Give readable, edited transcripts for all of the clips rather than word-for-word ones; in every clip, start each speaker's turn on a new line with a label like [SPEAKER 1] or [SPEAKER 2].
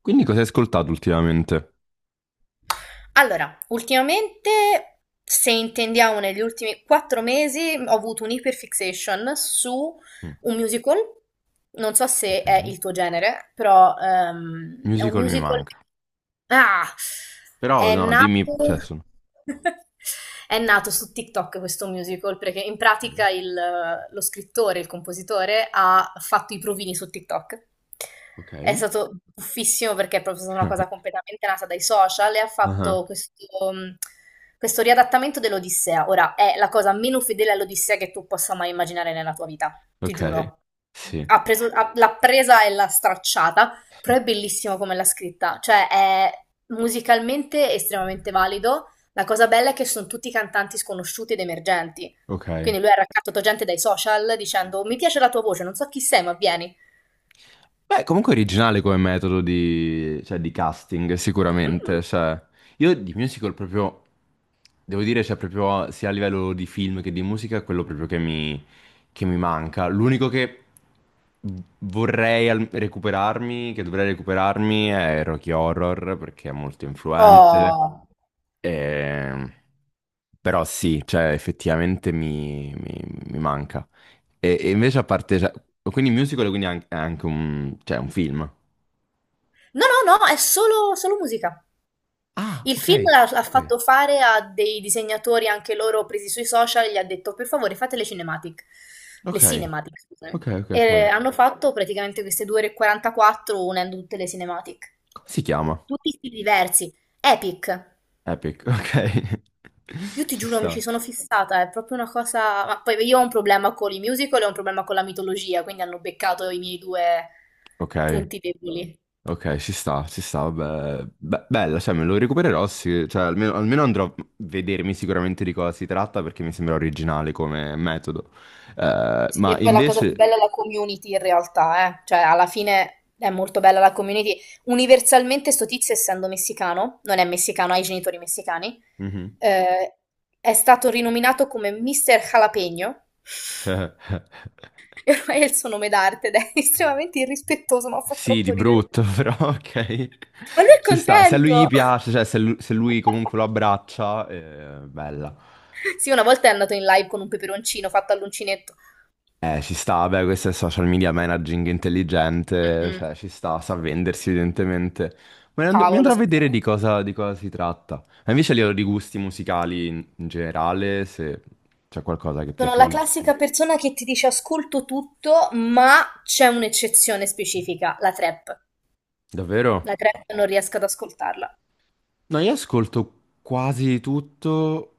[SPEAKER 1] Quindi cosa hai ascoltato ultimamente?
[SPEAKER 2] Allora, ultimamente, se intendiamo negli ultimi 4 mesi, ho avuto un'iperfixation su
[SPEAKER 1] Mm.
[SPEAKER 2] un musical. Non so se è
[SPEAKER 1] Ok,
[SPEAKER 2] il tuo genere, però è un
[SPEAKER 1] musical mi
[SPEAKER 2] musical.
[SPEAKER 1] manca.
[SPEAKER 2] Ah!
[SPEAKER 1] Però
[SPEAKER 2] È
[SPEAKER 1] no, dimmi,
[SPEAKER 2] nato.
[SPEAKER 1] cioè sono
[SPEAKER 2] È nato su TikTok questo musical perché in
[SPEAKER 1] ok.
[SPEAKER 2] pratica lo scrittore, il compositore, ha fatto i provini su TikTok.
[SPEAKER 1] Ok?
[SPEAKER 2] È stato buffissimo perché è proprio stata una cosa completamente nata dai social e ha fatto
[SPEAKER 1] Ah,
[SPEAKER 2] questo riadattamento dell'Odissea. Ora, è la cosa meno fedele all'Odissea che tu possa mai immaginare nella tua vita, ti
[SPEAKER 1] ok,
[SPEAKER 2] giuro.
[SPEAKER 1] sì,
[SPEAKER 2] L'ha presa e l'ha stracciata, però è bellissimo come l'ha scritta. Cioè, è musicalmente estremamente valido. La cosa bella è che sono tutti cantanti sconosciuti ed emergenti.
[SPEAKER 1] ok.
[SPEAKER 2] Quindi lui ha raccattato gente dai social dicendo: Mi piace la tua voce, non so chi sei, ma vieni.
[SPEAKER 1] Beh, comunque originale come metodo di, cioè, di casting, sicuramente. Cioè, io di musical proprio, devo dire, cioè, proprio sia a livello di film che di musica, è quello proprio che che mi manca. L'unico che vorrei recuperarmi, che dovrei recuperarmi, è Rocky Horror, perché è molto influente.
[SPEAKER 2] Oh!
[SPEAKER 1] Ehm, Però sì, cioè effettivamente mi manca. E invece a cioè, quindi musical, quindi è anche un, cioè, un film.
[SPEAKER 2] No, no, no, è solo musica.
[SPEAKER 1] Ah,
[SPEAKER 2] Il
[SPEAKER 1] ok,
[SPEAKER 2] film l'ha
[SPEAKER 1] ok.
[SPEAKER 2] fatto fare a dei disegnatori anche loro presi sui social, gli ha detto: "Per favore, fate le cinematic". Le
[SPEAKER 1] Ok,
[SPEAKER 2] cinematic, scusami.
[SPEAKER 1] ok, ok,
[SPEAKER 2] E
[SPEAKER 1] ok.
[SPEAKER 2] hanno fatto praticamente queste due ore e 44 unendo tutte le cinematic.
[SPEAKER 1] Come si chiama?
[SPEAKER 2] Tutti stili diversi. Epic.
[SPEAKER 1] Epic, ok.
[SPEAKER 2] Io ti
[SPEAKER 1] Ci
[SPEAKER 2] giuro, mi ci
[SPEAKER 1] sta.
[SPEAKER 2] sono fissata, è proprio una cosa, ma poi io ho un problema con i musical e ho un problema con la mitologia, quindi hanno beccato i miei due
[SPEAKER 1] Ok,
[SPEAKER 2] punti deboli.
[SPEAKER 1] ok, ci sta, vabbè. Bella, cioè me lo recupererò, sì, cioè almeno, almeno andrò a vedermi sicuramente di cosa si tratta perché mi sembra originale come metodo.
[SPEAKER 2] Sì,
[SPEAKER 1] Ma
[SPEAKER 2] e poi la cosa più bella è la community in realtà, eh. Cioè, alla fine è molto bella la community. Universalmente sto tizio, essendo messicano, non è messicano, ha i genitori messicani,
[SPEAKER 1] Mhm.
[SPEAKER 2] eh, è stato rinominato come Mr. Jalapeno, e ormai è il suo nome d'arte ed è estremamente irrispettoso, ma fa
[SPEAKER 1] Sì,
[SPEAKER 2] troppo
[SPEAKER 1] di
[SPEAKER 2] ridere.
[SPEAKER 1] brutto, però ok.
[SPEAKER 2] Ma lui è
[SPEAKER 1] Ci sta. Se a lui gli
[SPEAKER 2] contento!
[SPEAKER 1] piace, cioè se se lui, comunque lo abbraccia, bella.
[SPEAKER 2] Sì, una volta è andato in live con un peperoncino fatto all'uncinetto.
[SPEAKER 1] Ci sta, beh, questo è social media managing
[SPEAKER 2] Mm,
[SPEAKER 1] intelligente,
[SPEAKER 2] mm.
[SPEAKER 1] cioè ci sta, sa vendersi evidentemente. Ma mi
[SPEAKER 2] Cavolo,
[SPEAKER 1] andrò a vedere
[SPEAKER 2] vabbè.
[SPEAKER 1] di di cosa si tratta. Ma invece a livello di gusti musicali in generale, se c'è qualcosa che
[SPEAKER 2] Sono la
[SPEAKER 1] preferisci.
[SPEAKER 2] classica persona che ti dice ascolto tutto, ma c'è un'eccezione specifica, la trap. La
[SPEAKER 1] Davvero?
[SPEAKER 2] trap non riesco ad ascoltarla.
[SPEAKER 1] No, io ascolto quasi tutto,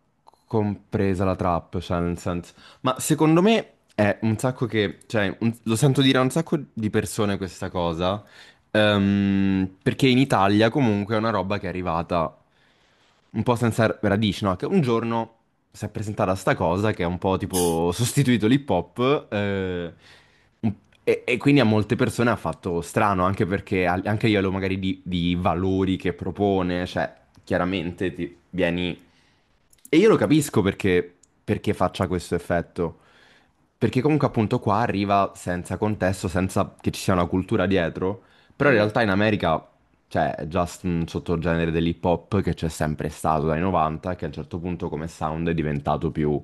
[SPEAKER 1] compresa la trap, cioè nel senso. Ma secondo me è un sacco che. Cioè, lo sento dire a un sacco di persone questa cosa, perché in Italia comunque è una roba che è arrivata un po' senza radici, no? Che un giorno si è presentata sta cosa che è un po' tipo sostituito l'hip hop un- e quindi a molte persone ha fatto strano, anche perché anche a livello magari di valori che propone, cioè chiaramente ti vieni e io lo capisco perché, perché faccia questo effetto. Perché comunque appunto qua arriva senza contesto, senza che ci sia una cultura dietro. Però in
[SPEAKER 2] Mm.
[SPEAKER 1] realtà in America c'è già un sottogenere dell'hip hop che c'è sempre stato dai 90, che a un certo punto come sound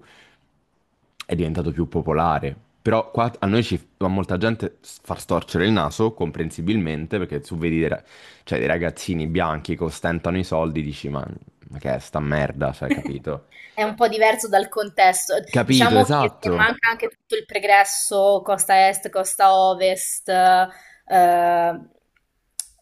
[SPEAKER 1] è diventato più popolare. Però qua a noi ci a molta gente far storcere il naso, comprensibilmente, perché tu vedi dei, cioè, dei ragazzini bianchi che ostentano i soldi, dici ma che è sta merda, cioè, capito?
[SPEAKER 2] È un po' diverso dal contesto.
[SPEAKER 1] Capito,
[SPEAKER 2] Diciamo che se
[SPEAKER 1] esatto.
[SPEAKER 2] manca anche tutto il pregresso, costa est, costa ovest,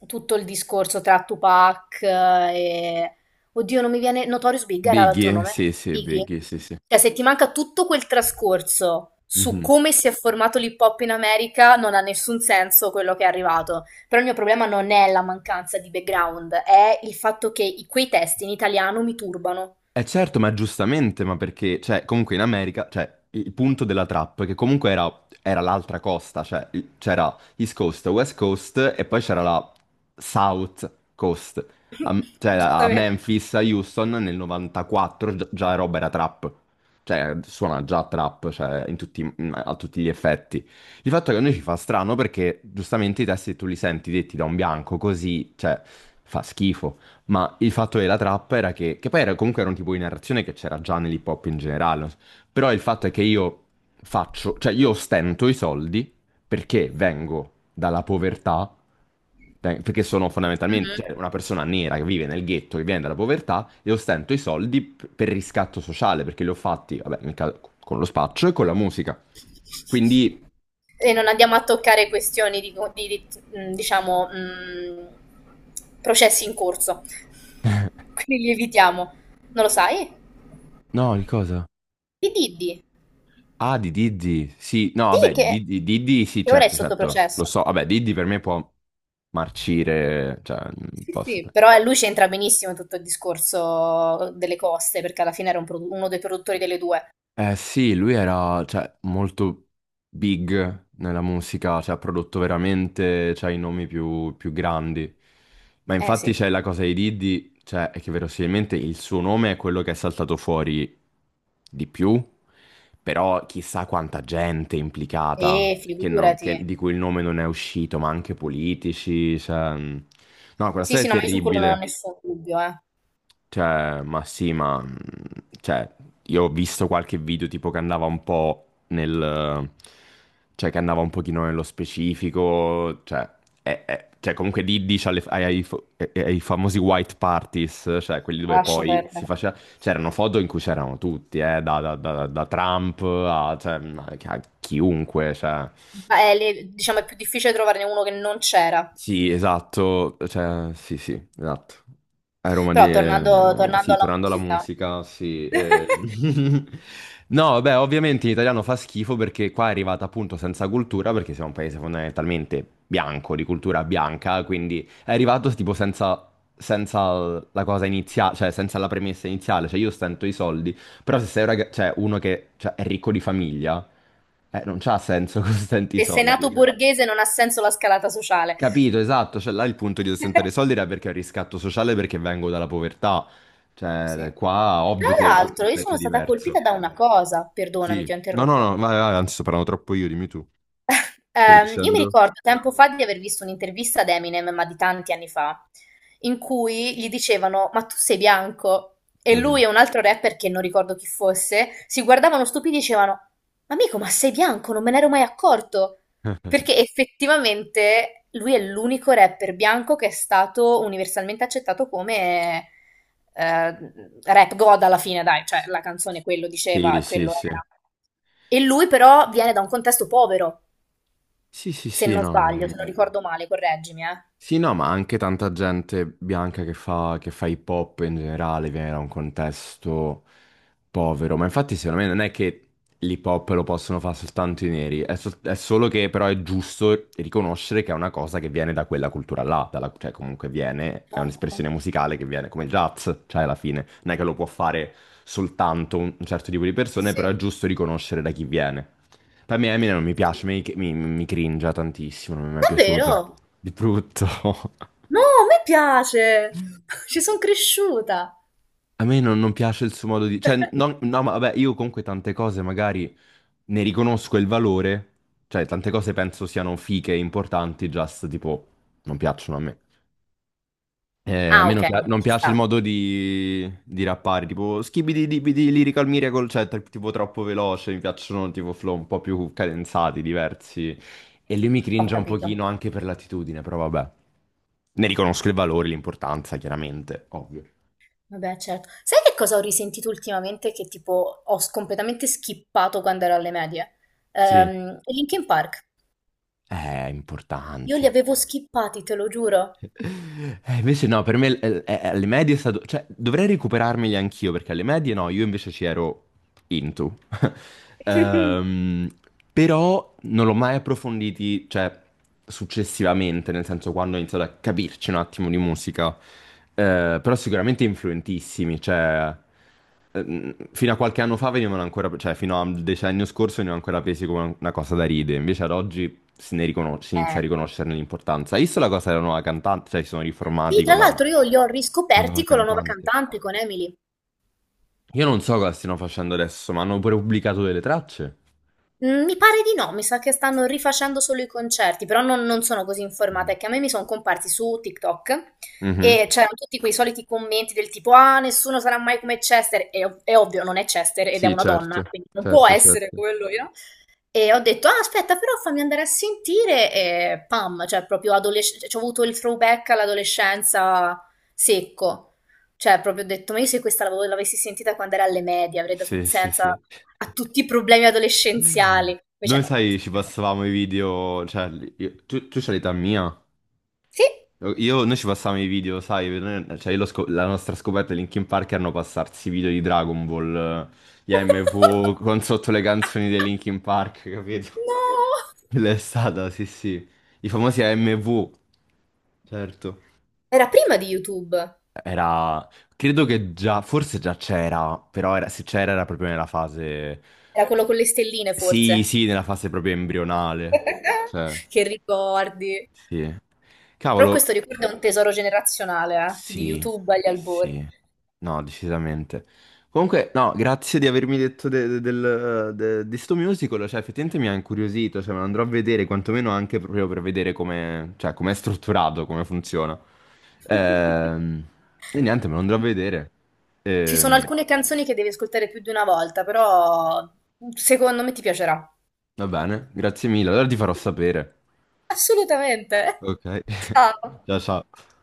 [SPEAKER 2] tutto il discorso tra Tupac, e... Oddio, non mi viene... Notorious Big era l'altro
[SPEAKER 1] Biggie,
[SPEAKER 2] nome?
[SPEAKER 1] sì, sì,
[SPEAKER 2] Biggie.
[SPEAKER 1] Biggie, sì, sì.
[SPEAKER 2] Cioè, se ti manca tutto quel trascorso su
[SPEAKER 1] Mhm.
[SPEAKER 2] come si è formato l'hip hop in America, non ha nessun senso quello che è arrivato. Però il mio problema non è la mancanza di background, è il fatto che quei testi in italiano mi turbano.
[SPEAKER 1] Eh certo, ma giustamente, ma perché, cioè, comunque in America, cioè, il punto della trap, che comunque era, era l'altra costa, cioè, c'era East Coast, West Coast, e poi c'era la South Coast, cioè, a
[SPEAKER 2] Giustamente.
[SPEAKER 1] Memphis, a Houston, nel 94, già roba era trap, cioè, suona già trap, cioè, in tutti, a tutti gli effetti. Il fatto che a noi ci fa strano perché, giustamente, i testi tu li senti detti da un bianco, così, cioè, fa schifo. Ma il fatto della trappa era che poi era, comunque era un tipo di narrazione che c'era già nell'hip hop in generale, no? Però il fatto è che io faccio, cioè io stento i soldi perché vengo dalla povertà, perché sono fondamentalmente, cioè,
[SPEAKER 2] Mhm.
[SPEAKER 1] una persona nera che vive nel ghetto, che viene dalla povertà, e ostento i soldi per riscatto sociale, perché li ho fatti, vabbè, con lo spaccio e con la musica. Quindi...
[SPEAKER 2] E non andiamo a toccare questioni di, diciamo, processi in corso. Quindi li evitiamo. Non lo sai?
[SPEAKER 1] No, di cosa?
[SPEAKER 2] Di Diddy.
[SPEAKER 1] Ah, di Diddy, sì, no,
[SPEAKER 2] Sì,
[SPEAKER 1] vabbè, Diddy, Diddy, sì,
[SPEAKER 2] che ora è
[SPEAKER 1] certo,
[SPEAKER 2] sotto
[SPEAKER 1] certo, lo
[SPEAKER 2] processo.
[SPEAKER 1] so, vabbè, Diddy per me può marcire, cioè, non
[SPEAKER 2] Sì,
[SPEAKER 1] posso.
[SPEAKER 2] sì. Però lui c'entra benissimo in tutto il discorso delle coste, perché alla fine era un uno dei produttori delle due.
[SPEAKER 1] Eh sì, lui era, cioè, molto big nella musica, cioè, ha prodotto veramente, cioè, i nomi più grandi. Ma
[SPEAKER 2] Eh
[SPEAKER 1] infatti
[SPEAKER 2] sì.
[SPEAKER 1] c'è la cosa di Diddy, cioè, è che verosimilmente il suo nome è quello che è saltato fuori di più, però chissà quanta gente è implicata,
[SPEAKER 2] E
[SPEAKER 1] che
[SPEAKER 2] figurati.
[SPEAKER 1] di cui il nome non è uscito, ma anche politici, cioè... mm. No, quella
[SPEAKER 2] Sì,
[SPEAKER 1] storia
[SPEAKER 2] sì,
[SPEAKER 1] è
[SPEAKER 2] no, ma io su quello non ho
[SPEAKER 1] terribile.
[SPEAKER 2] nessun dubbio, eh.
[SPEAKER 1] Cioè, ma sì, ma... cioè, io ho visto qualche video tipo che andava un po' nel... Cioè, che andava un pochino nello specifico, cioè... cioè, comunque lì dice ai famosi white parties, cioè quelli dove
[SPEAKER 2] Lascia
[SPEAKER 1] poi si
[SPEAKER 2] perdere.
[SPEAKER 1] faceva... C'erano foto in cui c'erano tutti, da Trump a, cioè, a a chiunque, cioè...
[SPEAKER 2] Beh, diciamo è più difficile trovarne uno che non c'era.
[SPEAKER 1] Sì, esatto, cioè, sì, sì, esatto. A Roma di...
[SPEAKER 2] Però tornando, tornando
[SPEAKER 1] sì,
[SPEAKER 2] alla
[SPEAKER 1] tornando alla
[SPEAKER 2] musica,
[SPEAKER 1] musica, sì. Eh. No, vabbè, ovviamente in italiano fa schifo perché qua è arrivata appunto senza cultura, perché siamo un paese fondamentalmente bianco, di cultura bianca, quindi è arrivato tipo senza, senza la cosa iniziale, cioè senza la premessa iniziale, cioè io stento i soldi, però se sei un cioè, uno che cioè, è ricco di famiglia, non c'ha senso che stenti i
[SPEAKER 2] se sei
[SPEAKER 1] soldi,
[SPEAKER 2] nato
[SPEAKER 1] cioè.
[SPEAKER 2] borghese non ha senso la scalata sociale.
[SPEAKER 1] Capito, esatto, cioè là il punto di ostentare i soldi era perché è un riscatto sociale perché vengo dalla povertà,
[SPEAKER 2] Sì.
[SPEAKER 1] cioè qua
[SPEAKER 2] Tra
[SPEAKER 1] ovvio che fa
[SPEAKER 2] l'altro, io
[SPEAKER 1] effetto
[SPEAKER 2] sono stata colpita
[SPEAKER 1] diverso.
[SPEAKER 2] da una cosa, perdonami,
[SPEAKER 1] Sì,
[SPEAKER 2] ti ho
[SPEAKER 1] no, no,
[SPEAKER 2] interrotto.
[SPEAKER 1] no, vai, vai, anzi sto parlando troppo io, dimmi tu, stavi
[SPEAKER 2] Io mi
[SPEAKER 1] dicendo?
[SPEAKER 2] ricordo tempo fa di aver visto un'intervista ad Eminem, ma di tanti anni fa, in cui gli dicevano: Ma tu sei bianco? E
[SPEAKER 1] Mhm.
[SPEAKER 2] lui e un altro rapper che non ricordo chi fosse si guardavano stupidi e dicevano: Amico, ma sei bianco? Non me ne ero mai accorto. Perché effettivamente lui è l'unico rapper bianco che è stato universalmente accettato come eh, rap god alla fine, dai, cioè la canzone quello
[SPEAKER 1] Sì,
[SPEAKER 2] diceva,
[SPEAKER 1] sì,
[SPEAKER 2] quello
[SPEAKER 1] sì,
[SPEAKER 2] era. E lui però viene da un contesto povero.
[SPEAKER 1] sì, sì,
[SPEAKER 2] Se
[SPEAKER 1] sì,
[SPEAKER 2] non
[SPEAKER 1] no,
[SPEAKER 2] sbaglio, se non ricordo male, correggimi, eh.
[SPEAKER 1] sì, no, ma anche tanta gente bianca che fa hip hop in generale viene da un contesto povero, ma infatti secondo me non è che l'hip hop lo possono fare soltanto i neri, è, è solo che però è giusto riconoscere che è una cosa che viene da quella cultura là, cioè comunque viene, è
[SPEAKER 2] Certo.
[SPEAKER 1] un'espressione musicale che viene come il jazz, cioè alla fine non è che lo può fare soltanto un certo tipo di
[SPEAKER 2] Sì,
[SPEAKER 1] persone, però è
[SPEAKER 2] sì.
[SPEAKER 1] giusto riconoscere da chi viene. Per me Eminem non mi piace,
[SPEAKER 2] Sì.
[SPEAKER 1] mi cringia tantissimo, non mi è mai piaciuto.
[SPEAKER 2] Davvero?
[SPEAKER 1] Di brutto.
[SPEAKER 2] No, a me piace! Ci sono cresciuta.
[SPEAKER 1] A me non piace il suo modo di. Cioè, no, ma vabbè, io comunque tante cose magari ne riconosco il valore, cioè tante cose penso siano fiche, importanti, just tipo, non piacciono a me. A
[SPEAKER 2] Ah,
[SPEAKER 1] me
[SPEAKER 2] ok,
[SPEAKER 1] non
[SPEAKER 2] ci
[SPEAKER 1] piace il
[SPEAKER 2] sta.
[SPEAKER 1] modo di rappare, tipo skibidi dibidi lyrical miracle, cioè tipo troppo veloce, mi piacciono tipo flow un po' più cadenzati, diversi. E lui mi
[SPEAKER 2] Ho
[SPEAKER 1] cringe un
[SPEAKER 2] capito.
[SPEAKER 1] pochino anche per l'attitudine, però vabbè. Ne riconosco il valore, l'importanza, chiaramente, ovvio.
[SPEAKER 2] Vabbè, certo. Sai che cosa ho risentito ultimamente, che tipo ho completamente skippato quando ero alle medie?
[SPEAKER 1] Sì.
[SPEAKER 2] I Linkin Park. Io li
[SPEAKER 1] Importanti.
[SPEAKER 2] avevo skippati, te lo giuro.
[SPEAKER 1] Invece no, per me alle medie è stato... Cioè, dovrei recuperarmeli anch'io, perché alle medie no, io invece ci ero into. Ehm, Però non l'ho mai approfonditi, cioè, successivamente, nel senso quando ho iniziato a capirci un attimo di musica. Però sicuramente influentissimi, cioè... fino a qualche anno fa venivano ancora, cioè fino al decennio scorso venivano ancora presi come una cosa da ride, invece ad oggi se si
[SPEAKER 2] Eh.
[SPEAKER 1] inizia a riconoscerne l'importanza. Hai visto la cosa della nuova cantante? Cioè, si sono
[SPEAKER 2] Sì,
[SPEAKER 1] riformati
[SPEAKER 2] tra
[SPEAKER 1] con
[SPEAKER 2] l'altro io li ho
[SPEAKER 1] la nuova
[SPEAKER 2] riscoperti con la nuova
[SPEAKER 1] cantante.
[SPEAKER 2] cantante, con Emily.
[SPEAKER 1] Io non so cosa stiano facendo adesso, ma hanno pure pubblicato delle tracce.
[SPEAKER 2] Mhmm, mi pare di no, mi sa che stanno rifacendo solo i concerti, però non sono così informata,
[SPEAKER 1] Mhm.
[SPEAKER 2] è che a me mi son comparsi su TikTok
[SPEAKER 1] Mhm.
[SPEAKER 2] e c'erano tutti quei soliti commenti del tipo: "Ah, nessuno sarà mai come Chester", è ovvio, non è Chester ed è
[SPEAKER 1] Sì,
[SPEAKER 2] una donna,
[SPEAKER 1] certo,
[SPEAKER 2] quindi non può
[SPEAKER 1] certo,
[SPEAKER 2] essere
[SPEAKER 1] certo.
[SPEAKER 2] come lui, no? E ho detto, ah, aspetta, però fammi andare a sentire e pam, cioè proprio adolescenza, ho avuto il throwback all'adolescenza secco. Cioè proprio ho detto, ma io se questa l'avessi sentita quando era alle medie avrei dato un
[SPEAKER 1] Sì, sì,
[SPEAKER 2] senso a
[SPEAKER 1] sì.
[SPEAKER 2] a tutti i problemi adolescenziali. Invece
[SPEAKER 1] Noi,
[SPEAKER 2] no.
[SPEAKER 1] sai, ci passavamo i video, cioè, tu c'hai l'età mia.
[SPEAKER 2] Sì.
[SPEAKER 1] Io, noi ci passavamo i video, sai, cioè, io la nostra scoperta di Linkin Park erano passarsi i video di Dragon Ball, gli AMV, con sotto le canzoni dei Linkin Park, capito?
[SPEAKER 2] No!
[SPEAKER 1] Quella è stata, sì, sì. I famosi AMV, certo.
[SPEAKER 2] Era prima di YouTube,
[SPEAKER 1] Era, credo che già, forse già c'era, però se c'era era proprio nella fase,
[SPEAKER 2] era quello con le stelline
[SPEAKER 1] sì,
[SPEAKER 2] forse.
[SPEAKER 1] sì, nella fase proprio embrionale, cioè,
[SPEAKER 2] Che ricordi.
[SPEAKER 1] sì.
[SPEAKER 2] Però
[SPEAKER 1] Cavolo,
[SPEAKER 2] questo ricordo è un tesoro generazionale, di
[SPEAKER 1] sì,
[SPEAKER 2] YouTube agli albori.
[SPEAKER 1] sì, no, decisamente. Comunque, no, grazie di avermi detto del, di sto musical, cioè effettivamente mi ha incuriosito, cioè me lo andrò a vedere, quantomeno anche proprio per vedere come, cioè, com'è strutturato, come funziona. Ehm, e niente, me lo andrò a vedere.
[SPEAKER 2] Ci sono
[SPEAKER 1] Ehm,
[SPEAKER 2] alcune canzoni che devi ascoltare più di una volta, però secondo me ti piacerà.
[SPEAKER 1] va bene, grazie mille, allora ti farò sapere.
[SPEAKER 2] Assolutamente.
[SPEAKER 1] Ok,
[SPEAKER 2] Ciao.
[SPEAKER 1] ciao ciao.